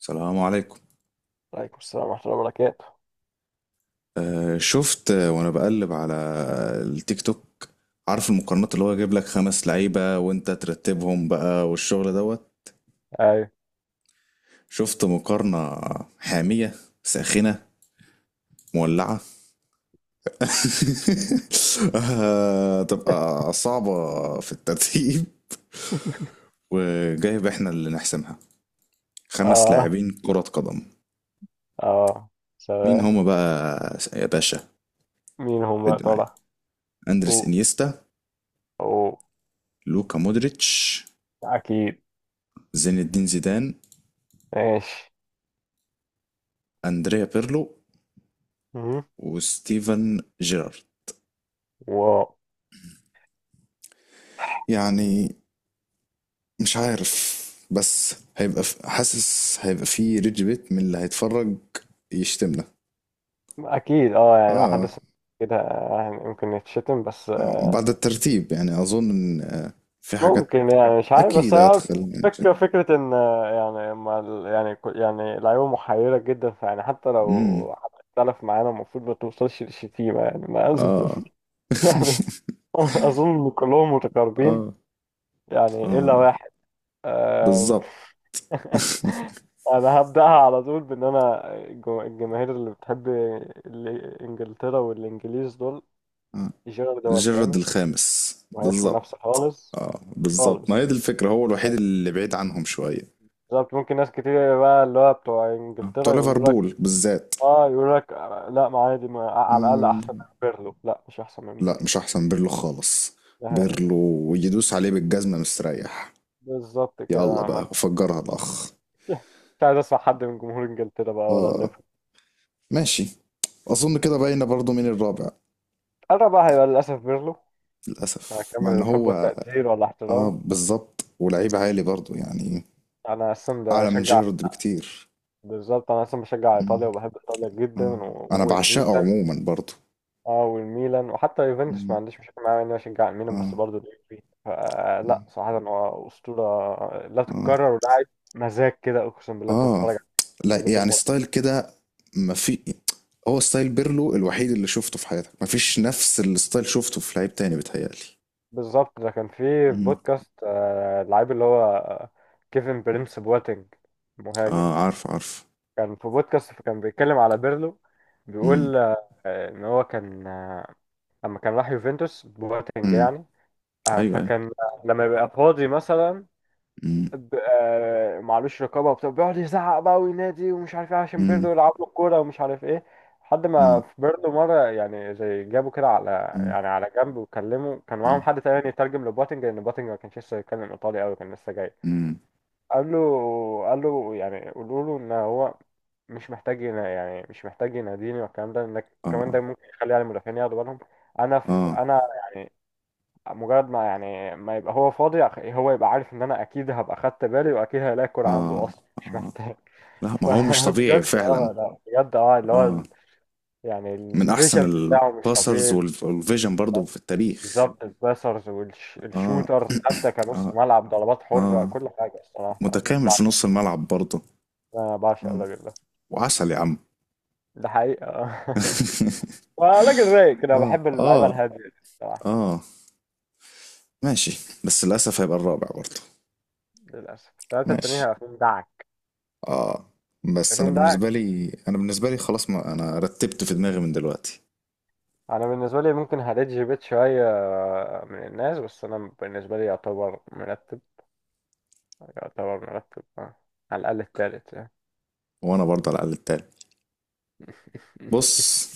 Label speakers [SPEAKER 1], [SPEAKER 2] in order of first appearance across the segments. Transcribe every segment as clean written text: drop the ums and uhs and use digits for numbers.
[SPEAKER 1] السلام عليكم.
[SPEAKER 2] عليكم السلام ورحمة الله وبركاته.
[SPEAKER 1] شفت، وانا بقلب على التيك توك. عارف المقارنات اللي هو يجيب لك خمس لعيبة وانت ترتبهم بقى والشغل دوت.
[SPEAKER 2] ايوه.
[SPEAKER 1] شفت مقارنة حامية ساخنة مولعة. تبقى صعبة في الترتيب، وجايب احنا اللي نحسمها، خمس
[SPEAKER 2] اه،
[SPEAKER 1] لاعبين كرة قدم.
[SPEAKER 2] اه.
[SPEAKER 1] مين
[SPEAKER 2] سلام.
[SPEAKER 1] هما بقى يا باشا؟
[SPEAKER 2] مين هم يا
[SPEAKER 1] عد معايا:
[SPEAKER 2] ترى؟
[SPEAKER 1] اندريس
[SPEAKER 2] أو،
[SPEAKER 1] انيستا،
[SPEAKER 2] أو.
[SPEAKER 1] لوكا مودريتش،
[SPEAKER 2] أكيد.
[SPEAKER 1] زين الدين زيدان،
[SPEAKER 2] ماشي.
[SPEAKER 1] أندريا بيرلو،
[SPEAKER 2] مهم.
[SPEAKER 1] وستيفن جيرارد.
[SPEAKER 2] واو.
[SPEAKER 1] يعني مش عارف، بس هيبقى حاسس هيبقى في ريدج بيت من اللي هيتفرج يشتمنا.
[SPEAKER 2] أكيد، اه يعني لو حد
[SPEAKER 1] آه.
[SPEAKER 2] سمع كده، يعني ممكن يتشتم، بس
[SPEAKER 1] اه، بعد الترتيب يعني اظن ان في حاجات
[SPEAKER 2] ممكن، يعني مش عارف، بس
[SPEAKER 1] اكيد
[SPEAKER 2] هو
[SPEAKER 1] هتخلي يعني.
[SPEAKER 2] فكرة فكرة إن يعني ما يعني يعني لعيبة محيرة جدا، فيعني حتى
[SPEAKER 1] امم
[SPEAKER 2] لو حد اختلف معانا المفروض ما توصلش للشتيمة، يعني ما أظن.
[SPEAKER 1] اه.
[SPEAKER 2] يعني أظن إن كلهم متقاربين،
[SPEAKER 1] اه،
[SPEAKER 2] يعني إلا
[SPEAKER 1] اه،
[SPEAKER 2] واحد. آه،
[SPEAKER 1] بالظبط.
[SPEAKER 2] انا هبداها على طول بان انا الجماهير اللي بتحب انجلترا والانجليز دول،
[SPEAKER 1] آه.
[SPEAKER 2] جيرارد هو
[SPEAKER 1] جيرارد
[SPEAKER 2] الخامس.
[SPEAKER 1] الخامس
[SPEAKER 2] مهياش
[SPEAKER 1] بالظبط.
[SPEAKER 2] منافسه خالص.
[SPEAKER 1] اه بالظبط، ما هي
[SPEAKER 2] خالص.
[SPEAKER 1] دي الفكرة، هو الوحيد اللي بعيد عنهم شوية.
[SPEAKER 2] بالظبط، ممكن ناس كتير بقى اللي هو بتوع
[SPEAKER 1] آه. بتوع
[SPEAKER 2] انجلترا يقولوا لك
[SPEAKER 1] ليفربول بالذات.
[SPEAKER 2] اه، يقولوا لك لا ما عادي، ما على الاقل
[SPEAKER 1] مم،
[SPEAKER 2] احسن من بيرلو. لا، مش احسن من
[SPEAKER 1] لا
[SPEAKER 2] بيرلو.
[SPEAKER 1] مش احسن بيرلو خالص.
[SPEAKER 2] ده-
[SPEAKER 1] بيرلو يدوس عليه بالجزمة مستريح.
[SPEAKER 2] بالظبط كده.
[SPEAKER 1] يلا بقى وفجرها الاخ.
[SPEAKER 2] مش عايز اسمع حد من جمهور انجلترا بقى، ولا
[SPEAKER 1] اه،
[SPEAKER 2] الليفر.
[SPEAKER 1] ماشي، اظن كده باينه برضو مين الرابع.
[SPEAKER 2] انا بقى هيبقى للاسف بيرلو،
[SPEAKER 1] للاسف، مع
[SPEAKER 2] هكمل
[SPEAKER 1] ان
[SPEAKER 2] الحب
[SPEAKER 1] هو
[SPEAKER 2] والتقدير
[SPEAKER 1] اه
[SPEAKER 2] والاحترام.
[SPEAKER 1] بالظبط، ولعيب عالي برضو، يعني
[SPEAKER 2] انا اصلا
[SPEAKER 1] اعلى من
[SPEAKER 2] بشجع،
[SPEAKER 1] جيرارد بكتير.
[SPEAKER 2] بالظبط انا اصلا بشجع ايطاليا،
[SPEAKER 1] مم،
[SPEAKER 2] وبحب ايطاليا جدا
[SPEAKER 1] آه. انا بعشقه
[SPEAKER 2] والميلان.
[SPEAKER 1] عموما برضو.
[SPEAKER 2] اه، والميلان، وحتى يوفنتوس ما
[SPEAKER 1] مم،
[SPEAKER 2] عنديش مشكله معاه اني بشجع الميلان،
[SPEAKER 1] اه،
[SPEAKER 2] بس برضه اليوفي فلا
[SPEAKER 1] اه،
[SPEAKER 2] صراحه هو اسطوره لا
[SPEAKER 1] آه،
[SPEAKER 2] تتكرر، ولاعب مزاج كده. اقسم بالله انت
[SPEAKER 1] اه،
[SPEAKER 2] بتتفرج على
[SPEAKER 1] لا
[SPEAKER 2] كميه
[SPEAKER 1] يعني
[SPEAKER 2] المتعه.
[SPEAKER 1] ستايل كده ما في. هو ستايل بيرلو الوحيد اللي شفته في حياتك، ما فيش نفس الستايل شفته في لعيب تاني بيتهيألي.
[SPEAKER 2] بالظبط، ده كان في
[SPEAKER 1] مم.
[SPEAKER 2] بودكاست، اللعيب اللي هو كيفن بريمس بواتينج، مهاجم.
[SPEAKER 1] اه، عارف عارف.
[SPEAKER 2] كان في بودكاست فكان بيتكلم على بيرلو،
[SPEAKER 1] امم
[SPEAKER 2] بيقول ان هو كان لما كان راح يوفنتوس بواتينج
[SPEAKER 1] امم
[SPEAKER 2] يعني،
[SPEAKER 1] ايوه ايوه.
[SPEAKER 2] فكان لما يبقى فاضي مثلا
[SPEAKER 1] امم
[SPEAKER 2] معلوش، رقابه وبتاع، بيقعد يزعق بقى وينادي ومش عارف ايه، عشان
[SPEAKER 1] امم
[SPEAKER 2] بيرلو يلعب له الكوره ومش عارف ايه، لحد ما
[SPEAKER 1] امم
[SPEAKER 2] في بيرلو مره يعني زي جابه كده على،
[SPEAKER 1] امم
[SPEAKER 2] يعني على جنب، وكلمه. كان معاهم حد تاني يترجم لبوتنج، لان بوتنج ما كانش لسه يتكلم ايطالي قوي، كان لسه جاي.
[SPEAKER 1] امم
[SPEAKER 2] قال له، قال له يعني قولوا له ان هو مش محتاج يعني مش محتاج يناديني والكلام ده، انك كمان
[SPEAKER 1] اه
[SPEAKER 2] ده ممكن يخلي يعني المدافعين ياخدوا بالهم انا في.
[SPEAKER 1] اه
[SPEAKER 2] انا يعني مجرد ما يعني ما يبقى هو فاضي، هو يبقى عارف ان انا اكيد هبقى خدت بالي، واكيد هلاقي عنده،
[SPEAKER 1] اه
[SPEAKER 2] اصلا مش
[SPEAKER 1] اه.
[SPEAKER 2] محتاج.
[SPEAKER 1] لا، ما هو مش طبيعي
[SPEAKER 2] فبجد
[SPEAKER 1] فعلا.
[SPEAKER 2] اه، لا بجد اه اللي هو
[SPEAKER 1] اه،
[SPEAKER 2] يعني
[SPEAKER 1] من احسن
[SPEAKER 2] الفيجن بتاعه مش
[SPEAKER 1] الباسرز
[SPEAKER 2] طبيعي.
[SPEAKER 1] والفيجن برضو في التاريخ.
[SPEAKER 2] بالظبط، الباسرز
[SPEAKER 1] اه
[SPEAKER 2] والشوترز، حتى كنص
[SPEAKER 1] اه
[SPEAKER 2] ملعب، ضربات حرة،
[SPEAKER 1] اه،
[SPEAKER 2] كل حاجة. الصراحة أنا
[SPEAKER 1] متكامل في
[SPEAKER 2] بعشق،
[SPEAKER 1] نص الملعب برضو.
[SPEAKER 2] أنا بعشق
[SPEAKER 1] اه
[SPEAKER 2] الراجل ده.
[SPEAKER 1] وعسل يا عم.
[SPEAKER 2] ده حقيقة. راجل رايق كده،
[SPEAKER 1] اه
[SPEAKER 2] بحب اللعيبة
[SPEAKER 1] اه
[SPEAKER 2] الهادية دي الصراحة.
[SPEAKER 1] اه ماشي. بس للاسف هيبقى الرابع برضه.
[SPEAKER 2] للأسف التلاتة التانيين
[SPEAKER 1] ماشي،
[SPEAKER 2] هيبقى فيهم دعك.
[SPEAKER 1] اه،
[SPEAKER 2] هيبقى
[SPEAKER 1] بس انا
[SPEAKER 2] فيهم دعك.
[SPEAKER 1] بالنسبه لي، انا بالنسبه لي خلاص، ما انا رتبت في دماغي من دلوقتي.
[SPEAKER 2] انا بالنسبه لي ممكن هديت جيبيت شويه من الناس، بس انا بالنسبه لي يعتبر مرتب. يعتبر مرتب على الاقل التالت يعني.
[SPEAKER 1] وانا برضه على الاقل التالت. بص،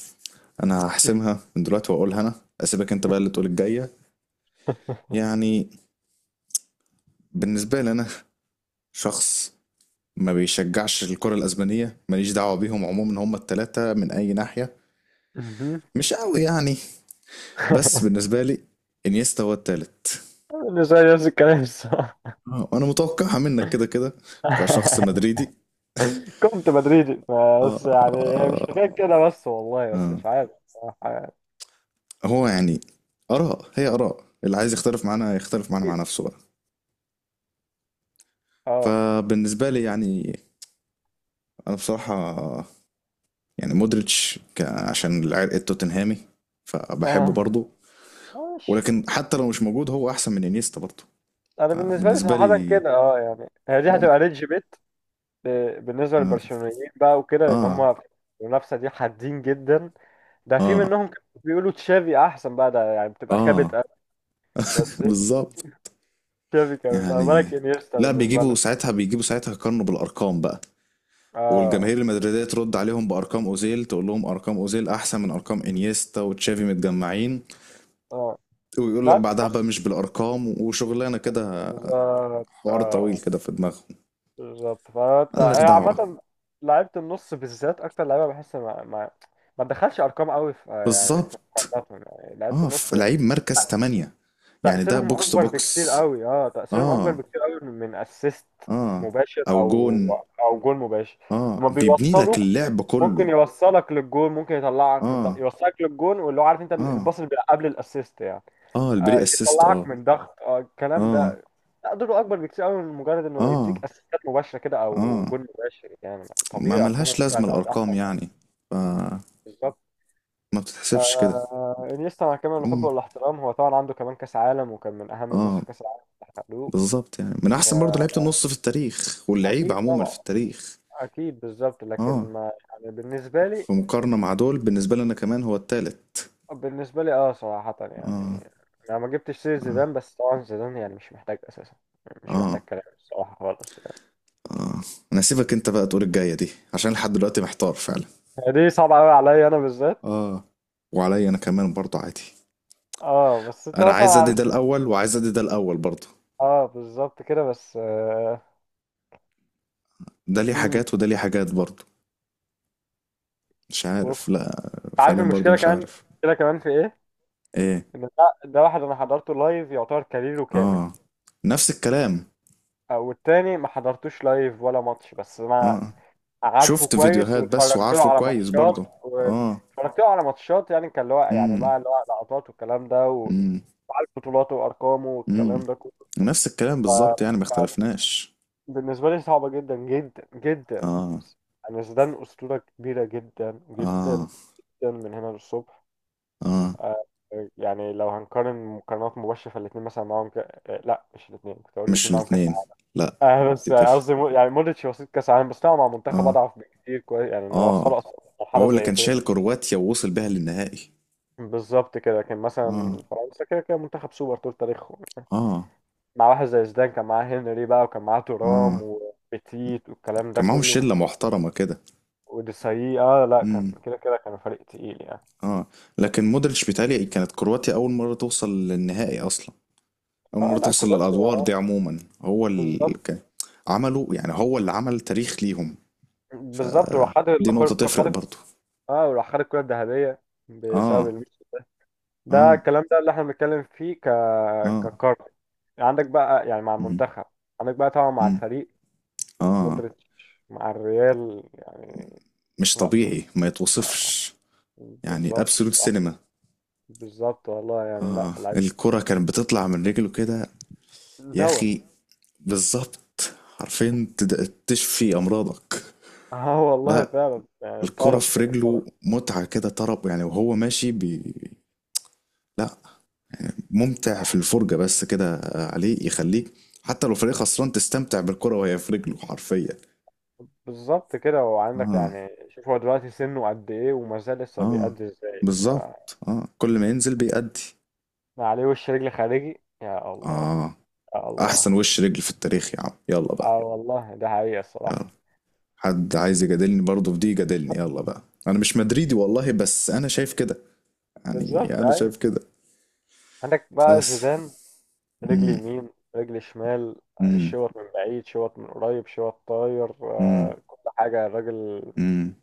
[SPEAKER 1] انا هحسمها من دلوقتي واقولها انا، اسيبك انت بقى اللي تقول الجايه. يعني بالنسبه لي، انا شخص ما بيشجعش الكره الاسبانيه، ماليش دعوه بيهم عموما، هم التلاته من اي ناحيه
[SPEAKER 2] مهم.
[SPEAKER 1] مش قوي يعني. بس بالنسبه لي، انيستا هو التالت.
[SPEAKER 2] بالنسبه لي نفس الكلام الصراحه.
[SPEAKER 1] انا متوقعها منك كده كده، كشخص مدريدي.
[SPEAKER 2] كنت مدريدي،
[SPEAKER 1] آه
[SPEAKER 2] بس يعني مش
[SPEAKER 1] آه.
[SPEAKER 2] حكايه كده، بس والله،
[SPEAKER 1] آه
[SPEAKER 2] بس مش عارف صراحة يعني.
[SPEAKER 1] هو يعني، آراء هي آراء، اللي عايز يختلف معانا يختلف معانا مع
[SPEAKER 2] اكيد.
[SPEAKER 1] نفسه بقى.
[SPEAKER 2] اه.
[SPEAKER 1] فبالنسبة لي يعني، أنا بصراحة يعني مودريتش عشان العرق التوتنهامي فبحبه
[SPEAKER 2] آه.
[SPEAKER 1] برضه.
[SPEAKER 2] ماشي.
[SPEAKER 1] ولكن حتى لو مش موجود، هو أحسن من إنيستا برضه.
[SPEAKER 2] انا بالنسبه لي
[SPEAKER 1] فبالنسبة
[SPEAKER 2] صراحه
[SPEAKER 1] لي،
[SPEAKER 2] كده اه، يعني هي دي
[SPEAKER 1] آه
[SPEAKER 2] هتبقى ريدج بالنسبة للبرشلونيين بقى، وكده ان
[SPEAKER 1] آه
[SPEAKER 2] هم في المنافسة دي حادين جدا. ده في
[SPEAKER 1] آه,
[SPEAKER 2] منهم كانوا بيقولوا تشافي احسن بقى، ده يعني بتبقى خابت
[SPEAKER 1] آه.
[SPEAKER 2] قوي. بس ايه،
[SPEAKER 1] بالظبط.
[SPEAKER 2] تشافي كمان، فما
[SPEAKER 1] يعني
[SPEAKER 2] بالك انيستا
[SPEAKER 1] لا،
[SPEAKER 2] بالنسبة
[SPEAKER 1] بيجيبوا
[SPEAKER 2] لهم.
[SPEAKER 1] ساعتها بيجيبوا ساعتها يقارنوا بالأرقام بقى،
[SPEAKER 2] اه،
[SPEAKER 1] والجماهير المدريدية ترد عليهم بأرقام أوزيل، تقول لهم أرقام أوزيل أحسن من أرقام إنيستا وتشافي متجمعين.
[SPEAKER 2] اه،
[SPEAKER 1] ويقول لك
[SPEAKER 2] لعبت
[SPEAKER 1] بعدها بقى
[SPEAKER 2] النص.
[SPEAKER 1] مش بالأرقام وشغلانة كده،
[SPEAKER 2] بالظبط
[SPEAKER 1] حوار طويل
[SPEAKER 2] اه،
[SPEAKER 1] كده في دماغهم،
[SPEAKER 2] بالظبط، فانت
[SPEAKER 1] ملناش
[SPEAKER 2] هي
[SPEAKER 1] دعوة.
[SPEAKER 2] عامة لعبت النص بالذات، اكتر لعيبة بحس ما تدخلش ارقام قوي في، يعني في
[SPEAKER 1] بالظبط.
[SPEAKER 2] مقارناتهم، يعني لعبت
[SPEAKER 1] اه،
[SPEAKER 2] النص
[SPEAKER 1] في لعيب مركز تمانية يعني، ده
[SPEAKER 2] تأثيرهم
[SPEAKER 1] بوكس تو
[SPEAKER 2] أكبر بكتير
[SPEAKER 1] بوكس.
[SPEAKER 2] قوي. اه، تأثيرهم أكبر
[SPEAKER 1] اه
[SPEAKER 2] بكتير قوي من من أسيست
[SPEAKER 1] اه،
[SPEAKER 2] مباشر،
[SPEAKER 1] أو
[SPEAKER 2] أو
[SPEAKER 1] جون.
[SPEAKER 2] أو جول مباشر.
[SPEAKER 1] اه،
[SPEAKER 2] هما
[SPEAKER 1] بيبني لك
[SPEAKER 2] بيوصلوا،
[SPEAKER 1] اللعب كله.
[SPEAKER 2] ممكن يوصلك للجول، ممكن يطلعك من ضغط
[SPEAKER 1] اه
[SPEAKER 2] يوصلك للجول، واللي هو عارف انت
[SPEAKER 1] اه،
[SPEAKER 2] الباص اللي بيبقى قبل الأسيست يعني،
[SPEAKER 1] اه البري اسيست.
[SPEAKER 2] يطلعك
[SPEAKER 1] اه
[SPEAKER 2] من ضغط، الكلام
[SPEAKER 1] اه
[SPEAKER 2] ده تقدره أكبر بكتير قوي من مجرد إنه
[SPEAKER 1] اه
[SPEAKER 2] يديك أسيستات مباشرة كده، أو
[SPEAKER 1] اه،
[SPEAKER 2] جول مباشر. يعني
[SPEAKER 1] ما
[SPEAKER 2] طبيعي أرقامهم
[SPEAKER 1] ملهاش
[SPEAKER 2] ممكن
[SPEAKER 1] لازمة
[SPEAKER 2] هتبقى أحسن
[SPEAKER 1] الأرقام
[SPEAKER 2] يعني.
[SPEAKER 1] يعني، ف-
[SPEAKER 2] بالظبط.
[SPEAKER 1] ما بتتحسبش كده.
[SPEAKER 2] انيستا مع كامل الحب
[SPEAKER 1] عموما
[SPEAKER 2] والاحترام، هو طبعا عنده كمان كاس عالم، وكان من اهم الناس
[SPEAKER 1] اه،
[SPEAKER 2] في كاس العالم اللي حققوه.
[SPEAKER 1] بالظبط، يعني من احسن برضه لعيبه النص في التاريخ واللعيبه
[SPEAKER 2] اكيد
[SPEAKER 1] عموما في
[SPEAKER 2] طبعا.
[SPEAKER 1] التاريخ.
[SPEAKER 2] اكيد بالظبط،
[SPEAKER 1] اه،
[SPEAKER 2] لكن ما يعني بالنسبه لي.
[SPEAKER 1] في مقارنه مع دول بالنسبه لنا كمان هو التالت.
[SPEAKER 2] بالنسبه لي اه صراحه
[SPEAKER 1] اه
[SPEAKER 2] يعني انا ما جبتش سير
[SPEAKER 1] اه
[SPEAKER 2] زيدان، بس طبعا زيدان يعني مش محتاج اساسا، يعني مش محتاج
[SPEAKER 1] اه
[SPEAKER 2] كلام الصراحه خالص.
[SPEAKER 1] اه. انا هسيبك انت بقى تقول الجايه دي، عشان لحد دلوقتي محتار فعلا.
[SPEAKER 2] يعني دي صعبه قوي عليا انا بالذات.
[SPEAKER 1] اه وعليا انا كمان برضه عادي.
[SPEAKER 2] اه، بس انت
[SPEAKER 1] انا
[SPEAKER 2] مثلا
[SPEAKER 1] عايز ادي ده
[SPEAKER 2] علشان
[SPEAKER 1] الاول وعايز ادي ده الاول برضه،
[SPEAKER 2] اه، بالظبط كده، بس
[SPEAKER 1] ده ليه
[SPEAKER 2] مم.
[SPEAKER 1] حاجات وده ليه حاجات برضه. مش
[SPEAKER 2] بص،
[SPEAKER 1] عارف، لا.
[SPEAKER 2] عارف
[SPEAKER 1] فعليا برضه
[SPEAKER 2] المشكله
[SPEAKER 1] مش
[SPEAKER 2] كمان،
[SPEAKER 1] عارف.
[SPEAKER 2] المشكله كمان في ايه،
[SPEAKER 1] ايه؟
[SPEAKER 2] ان ده، ده واحد انا حضرته لايف، يعتبر كاريره كامل،
[SPEAKER 1] اه، نفس الكلام.
[SPEAKER 2] او التاني ما حضرتوش لايف ولا ماتش، بس انا
[SPEAKER 1] اه،
[SPEAKER 2] عارفه
[SPEAKER 1] شفت
[SPEAKER 2] كويس،
[SPEAKER 1] فيديوهات بس
[SPEAKER 2] واتفرجت له
[SPEAKER 1] وعارفه
[SPEAKER 2] على
[SPEAKER 1] كويس
[SPEAKER 2] ماتشات،
[SPEAKER 1] برضه. اه.
[SPEAKER 2] واتفرجت له على ماتشات يعني كان اللي هو يعني
[SPEAKER 1] امم
[SPEAKER 2] بقى اللي هو لقطات والكلام ده
[SPEAKER 1] امم
[SPEAKER 2] وعارف بطولاته وارقامه
[SPEAKER 1] امم
[SPEAKER 2] والكلام ده كله.
[SPEAKER 1] نفس الكلام بالظبط، يعني ما اختلفناش.
[SPEAKER 2] بالنسبه لي صعبه جدا جدا جدا.
[SPEAKER 1] اه
[SPEAKER 2] يعني زيدان اسطوره كبيره جدا جدا
[SPEAKER 1] اه
[SPEAKER 2] جدا، من هنا للصبح.
[SPEAKER 1] اه،
[SPEAKER 2] آه، يعني لو هنقارن مقارنات مباشره، فالاثنين مثلا معاهم ك... آه، لا مش الاثنين. كنت اقول
[SPEAKER 1] مش
[SPEAKER 2] الاثنين معاهم كاس
[SPEAKER 1] الاتنين
[SPEAKER 2] عالم
[SPEAKER 1] لا.
[SPEAKER 2] آه، بس
[SPEAKER 1] دي تفرق.
[SPEAKER 2] قصدي يعني مودريتش وسيط كاس عالم، بس طبعا مع منتخب
[SPEAKER 1] اه
[SPEAKER 2] اضعف بكتير كويس، يعني انه
[SPEAKER 1] اه،
[SPEAKER 2] وصله اصلا مرحله
[SPEAKER 1] هو اللي
[SPEAKER 2] زي
[SPEAKER 1] كان
[SPEAKER 2] كده.
[SPEAKER 1] شايل كرواتيا ووصل بيها للنهائي.
[SPEAKER 2] بالظبط كده، كان
[SPEAKER 1] اه
[SPEAKER 2] مثلا فرنسا كده كده منتخب سوبر طول تاريخهم يعني،
[SPEAKER 1] اه
[SPEAKER 2] مع واحد زي زيدان، كان معاه هنري بقى، وكان معاه تورام
[SPEAKER 1] اه،
[SPEAKER 2] وبيتيت والكلام ده
[SPEAKER 1] كان معاهم
[SPEAKER 2] كله
[SPEAKER 1] شلة محترمة كده.
[SPEAKER 2] وديساي. اه، لا كان
[SPEAKER 1] امم
[SPEAKER 2] كده كده كان فريق تقيل يعني.
[SPEAKER 1] اه. لكن مودريتش بيتهيألي كانت كرواتيا أول مرة توصل للنهائي أصلا، أول
[SPEAKER 2] اه،
[SPEAKER 1] مرة
[SPEAKER 2] لا
[SPEAKER 1] توصل
[SPEAKER 2] كرواتيا
[SPEAKER 1] للأدوار دي عموما، هو اللي
[SPEAKER 2] بالظبط.
[SPEAKER 1] عمله يعني، هو اللي عمل تاريخ ليهم.
[SPEAKER 2] بالظبط، وراح خد
[SPEAKER 1] دي نقطة تفرق برضو.
[SPEAKER 2] اه وراح خد الكرة الذهبية بسبب
[SPEAKER 1] آه
[SPEAKER 2] الميسي ده. ده
[SPEAKER 1] آه
[SPEAKER 2] الكلام ده اللي احنا بنتكلم فيه
[SPEAKER 1] آه.
[SPEAKER 2] ككارت عندك بقى يعني مع
[SPEAKER 1] مم.
[SPEAKER 2] المنتخب. عندك بقى طبعا مع
[SPEAKER 1] مم.
[SPEAKER 2] الفريق
[SPEAKER 1] آه،
[SPEAKER 2] مودريتش، مع الريال يعني.
[SPEAKER 1] مش
[SPEAKER 2] لا،
[SPEAKER 1] طبيعي ما
[SPEAKER 2] آه،
[SPEAKER 1] يتوصفش. يعني
[SPEAKER 2] بالظبط
[SPEAKER 1] أبسولوت
[SPEAKER 2] صح.
[SPEAKER 1] سينما.
[SPEAKER 2] بالظبط والله يعني. لا،
[SPEAKER 1] آه،
[SPEAKER 2] العيب
[SPEAKER 1] الكرة كانت بتطلع من رجله كده يا
[SPEAKER 2] دواء.
[SPEAKER 1] أخي. بالظبط. عارفين، تشفي أمراضك.
[SPEAKER 2] اه والله
[SPEAKER 1] لا،
[SPEAKER 2] فعلا يعني
[SPEAKER 1] الكرة
[SPEAKER 2] طرب
[SPEAKER 1] في
[SPEAKER 2] كده، طرب.
[SPEAKER 1] رجله متعة كده، طرب يعني، وهو ماشي لا، ممتع في الفرجة بس كده. عليه يخليك حتى لو فريق خسران تستمتع بالكرة وهي في رجله حرفيا.
[SPEAKER 2] بالظبط كده، وعندك
[SPEAKER 1] اه
[SPEAKER 2] يعني شوف، هو دلوقتي سنه قد ايه وما زال لسه
[SPEAKER 1] اه
[SPEAKER 2] بيأدي ازاي
[SPEAKER 1] بالظبط، اه كل ما ينزل بيأدي.
[SPEAKER 2] ما عليه، وش رجل خارجي، يا الله.
[SPEAKER 1] اه،
[SPEAKER 2] يا الله.
[SPEAKER 1] احسن وش رجل في التاريخ يا عم يلا بقى.
[SPEAKER 2] اه والله، ده حقيقة
[SPEAKER 1] يلا،
[SPEAKER 2] الصراحة.
[SPEAKER 1] حد عايز يجادلني برضه في دي يجادلني يلا بقى. انا مش مدريدي والله، بس انا شايف كده، يعني
[SPEAKER 2] بالظبط،
[SPEAKER 1] انا
[SPEAKER 2] ايوه.
[SPEAKER 1] شايف كده.
[SPEAKER 2] عندك بقى
[SPEAKER 1] بس.
[SPEAKER 2] زيدان، رجل
[SPEAKER 1] امم
[SPEAKER 2] يمين، رجل شمال،
[SPEAKER 1] امم
[SPEAKER 2] شوط من بعيد، شوط من قريب، شوط طاير،
[SPEAKER 1] امم
[SPEAKER 2] كل حاجة. الراجل،
[SPEAKER 1] امم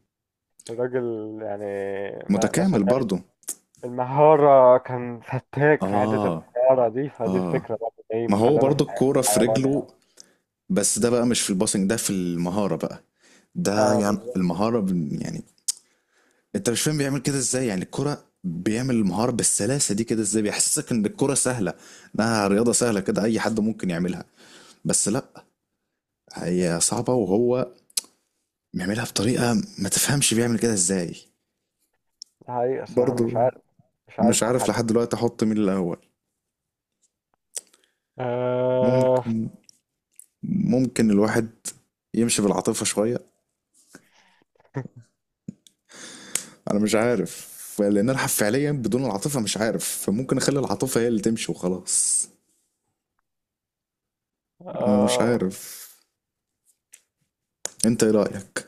[SPEAKER 2] الراجل يعني، ما ما
[SPEAKER 1] متكامل
[SPEAKER 2] سابهاش
[SPEAKER 1] برضه.
[SPEAKER 2] المهارة، كان فتاك في حتة
[SPEAKER 1] اه
[SPEAKER 2] المهارة دي، فدي
[SPEAKER 1] اه،
[SPEAKER 2] الفكرة بقى ايه
[SPEAKER 1] ما هو
[SPEAKER 2] مخلانا
[SPEAKER 1] برضه الكورة في
[SPEAKER 2] حيران يعني.
[SPEAKER 1] رجله. بس ده بقى مش في الباسنج، ده في المهارة بقى، ده
[SPEAKER 2] اه،
[SPEAKER 1] يعني
[SPEAKER 2] بالظبط.
[SPEAKER 1] المهارة يعني انت مش فاهم بيعمل كده ازاي، يعني الكرة، بيعمل المهارة بالسلاسة دي كده ازاي، بيحسسك ان الكرة سهلة، انها رياضة سهلة كده اي حد ممكن يعملها. بس لا، هي صعبة وهو بيعملها بطريقة ما تفهمش بيعمل كده ازاي.
[SPEAKER 2] ده حقيقة الصراحة، انا مش
[SPEAKER 1] برضو
[SPEAKER 2] عارف، مش
[SPEAKER 1] مش
[SPEAKER 2] عارف
[SPEAKER 1] عارف
[SPEAKER 2] احدد.
[SPEAKER 1] لحد دلوقتي احط مين الاول.
[SPEAKER 2] آه.
[SPEAKER 1] ممكن، ممكن الواحد يمشي بالعاطفة شوية. انا مش عارف، لان انا فعليا بدون العاطفه مش عارف، فممكن اخلي العاطفه هي اللي تمشي وخلاص. انا مش
[SPEAKER 2] آه.
[SPEAKER 1] عارف. انت ايه رايك؟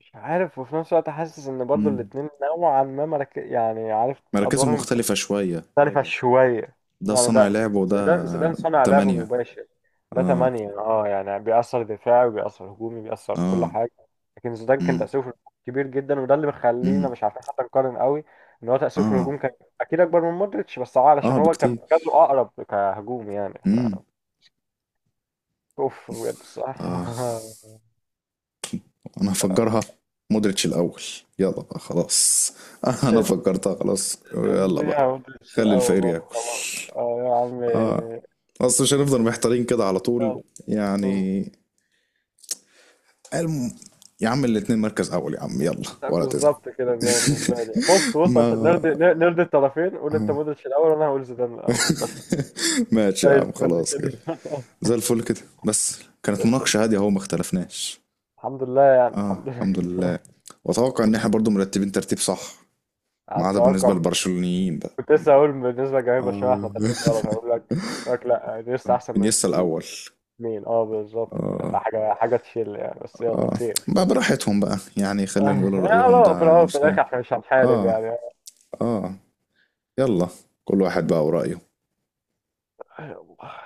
[SPEAKER 2] مش عارف، وفي نفس الوقت حاسس ان برضو
[SPEAKER 1] مم.
[SPEAKER 2] الاتنين نوعا ما يعني عارف
[SPEAKER 1] مراكزهم
[SPEAKER 2] ادوارهم
[SPEAKER 1] مختلفه شويه.
[SPEAKER 2] مختلفة يعني شوية.
[SPEAKER 1] ده
[SPEAKER 2] يعني
[SPEAKER 1] صانع
[SPEAKER 2] ده،
[SPEAKER 1] لعب وده
[SPEAKER 2] زيدان، زيدان صنع لعب
[SPEAKER 1] تمانية.
[SPEAKER 2] مباشر، ده
[SPEAKER 1] اه
[SPEAKER 2] تمانية اه، يعني بيأثر دفاعي وبيأثر هجومي، بيأثر كل
[SPEAKER 1] اه.
[SPEAKER 2] حاجة. لكن زيدان كان
[SPEAKER 1] مم.
[SPEAKER 2] تأثيره في الهجوم كبير جدا، وده اللي مخلينا
[SPEAKER 1] مم.
[SPEAKER 2] مش عارفين حتى نقارن قوي، ان هو تأثيره في
[SPEAKER 1] اه
[SPEAKER 2] الهجوم كان اكيد اكبر من مودريتش، بس اه علشان
[SPEAKER 1] اه
[SPEAKER 2] هو كان
[SPEAKER 1] بكتير.
[SPEAKER 2] مركزه اقرب كهجوم يعني ف
[SPEAKER 1] مم.
[SPEAKER 2] اوف، بجد صح.
[SPEAKER 1] اه، انا هفجرها، مودريتش الاول، يلا بقى خلاص. انا
[SPEAKER 2] اد-
[SPEAKER 1] فجرتها خلاص، يلا
[SPEAKER 2] اديها
[SPEAKER 1] بقى.
[SPEAKER 2] مودريتش
[SPEAKER 1] خلي
[SPEAKER 2] الاول
[SPEAKER 1] الفقير
[SPEAKER 2] بقى
[SPEAKER 1] ياكل.
[SPEAKER 2] خلاص، اه يا عم.
[SPEAKER 1] اه، اصل مش هنفضل محتارين كده على طول
[SPEAKER 2] يلا.
[SPEAKER 1] يعني. الم... يا عم الاتنين مركز اول يا عم، يلا ولا تزعل.
[SPEAKER 2] بالظبط كده، بالنسبة لي بص، بص، عشان
[SPEAKER 1] ما
[SPEAKER 2] نرضي نرضي الطرفين، قول انت
[SPEAKER 1] آه.
[SPEAKER 2] مودريتش الأول، وأنا هقول زيدان الأول، بس
[SPEAKER 1] ماشي يا
[SPEAKER 2] زي
[SPEAKER 1] عم
[SPEAKER 2] الفل
[SPEAKER 1] خلاص
[SPEAKER 2] كده.
[SPEAKER 1] كده. زي الفل كده، بس
[SPEAKER 2] زي
[SPEAKER 1] كانت
[SPEAKER 2] الفل.
[SPEAKER 1] مناقشة هادية اهو، ما اختلفناش.
[SPEAKER 2] الحمد لله يعني.
[SPEAKER 1] اه
[SPEAKER 2] الحمد لله
[SPEAKER 1] الحمد لله. واتوقع ان احنا برضو مرتبين ترتيب صح، ما
[SPEAKER 2] على
[SPEAKER 1] عدا بالنسبة
[SPEAKER 2] التوقع.
[SPEAKER 1] للبرشلونيين بقى.
[SPEAKER 2] كنت لسه هقول بالنسبة لجماهير برشلونة احنا
[SPEAKER 1] اه.
[SPEAKER 2] ترتيب غلط، هقول لك، هقول لك لا، دي لسه أحسن من
[SPEAKER 1] انيستا الاول.
[SPEAKER 2] الاثنين اه، بالظبط كده، ده
[SPEAKER 1] اه
[SPEAKER 2] حاجة حاجة تشيل يعني، بس يلا
[SPEAKER 1] اه،
[SPEAKER 2] خير.
[SPEAKER 1] بقى براحتهم بقى يعني، خليهم يقولوا رأيهم ده
[SPEAKER 2] يلا في
[SPEAKER 1] عن
[SPEAKER 2] الأول وفي
[SPEAKER 1] نفسهم.
[SPEAKER 2] الآخر احنا مش هنحارب
[SPEAKER 1] اه اه يلا، كل واحد بقى ورأيه.
[SPEAKER 2] يعني.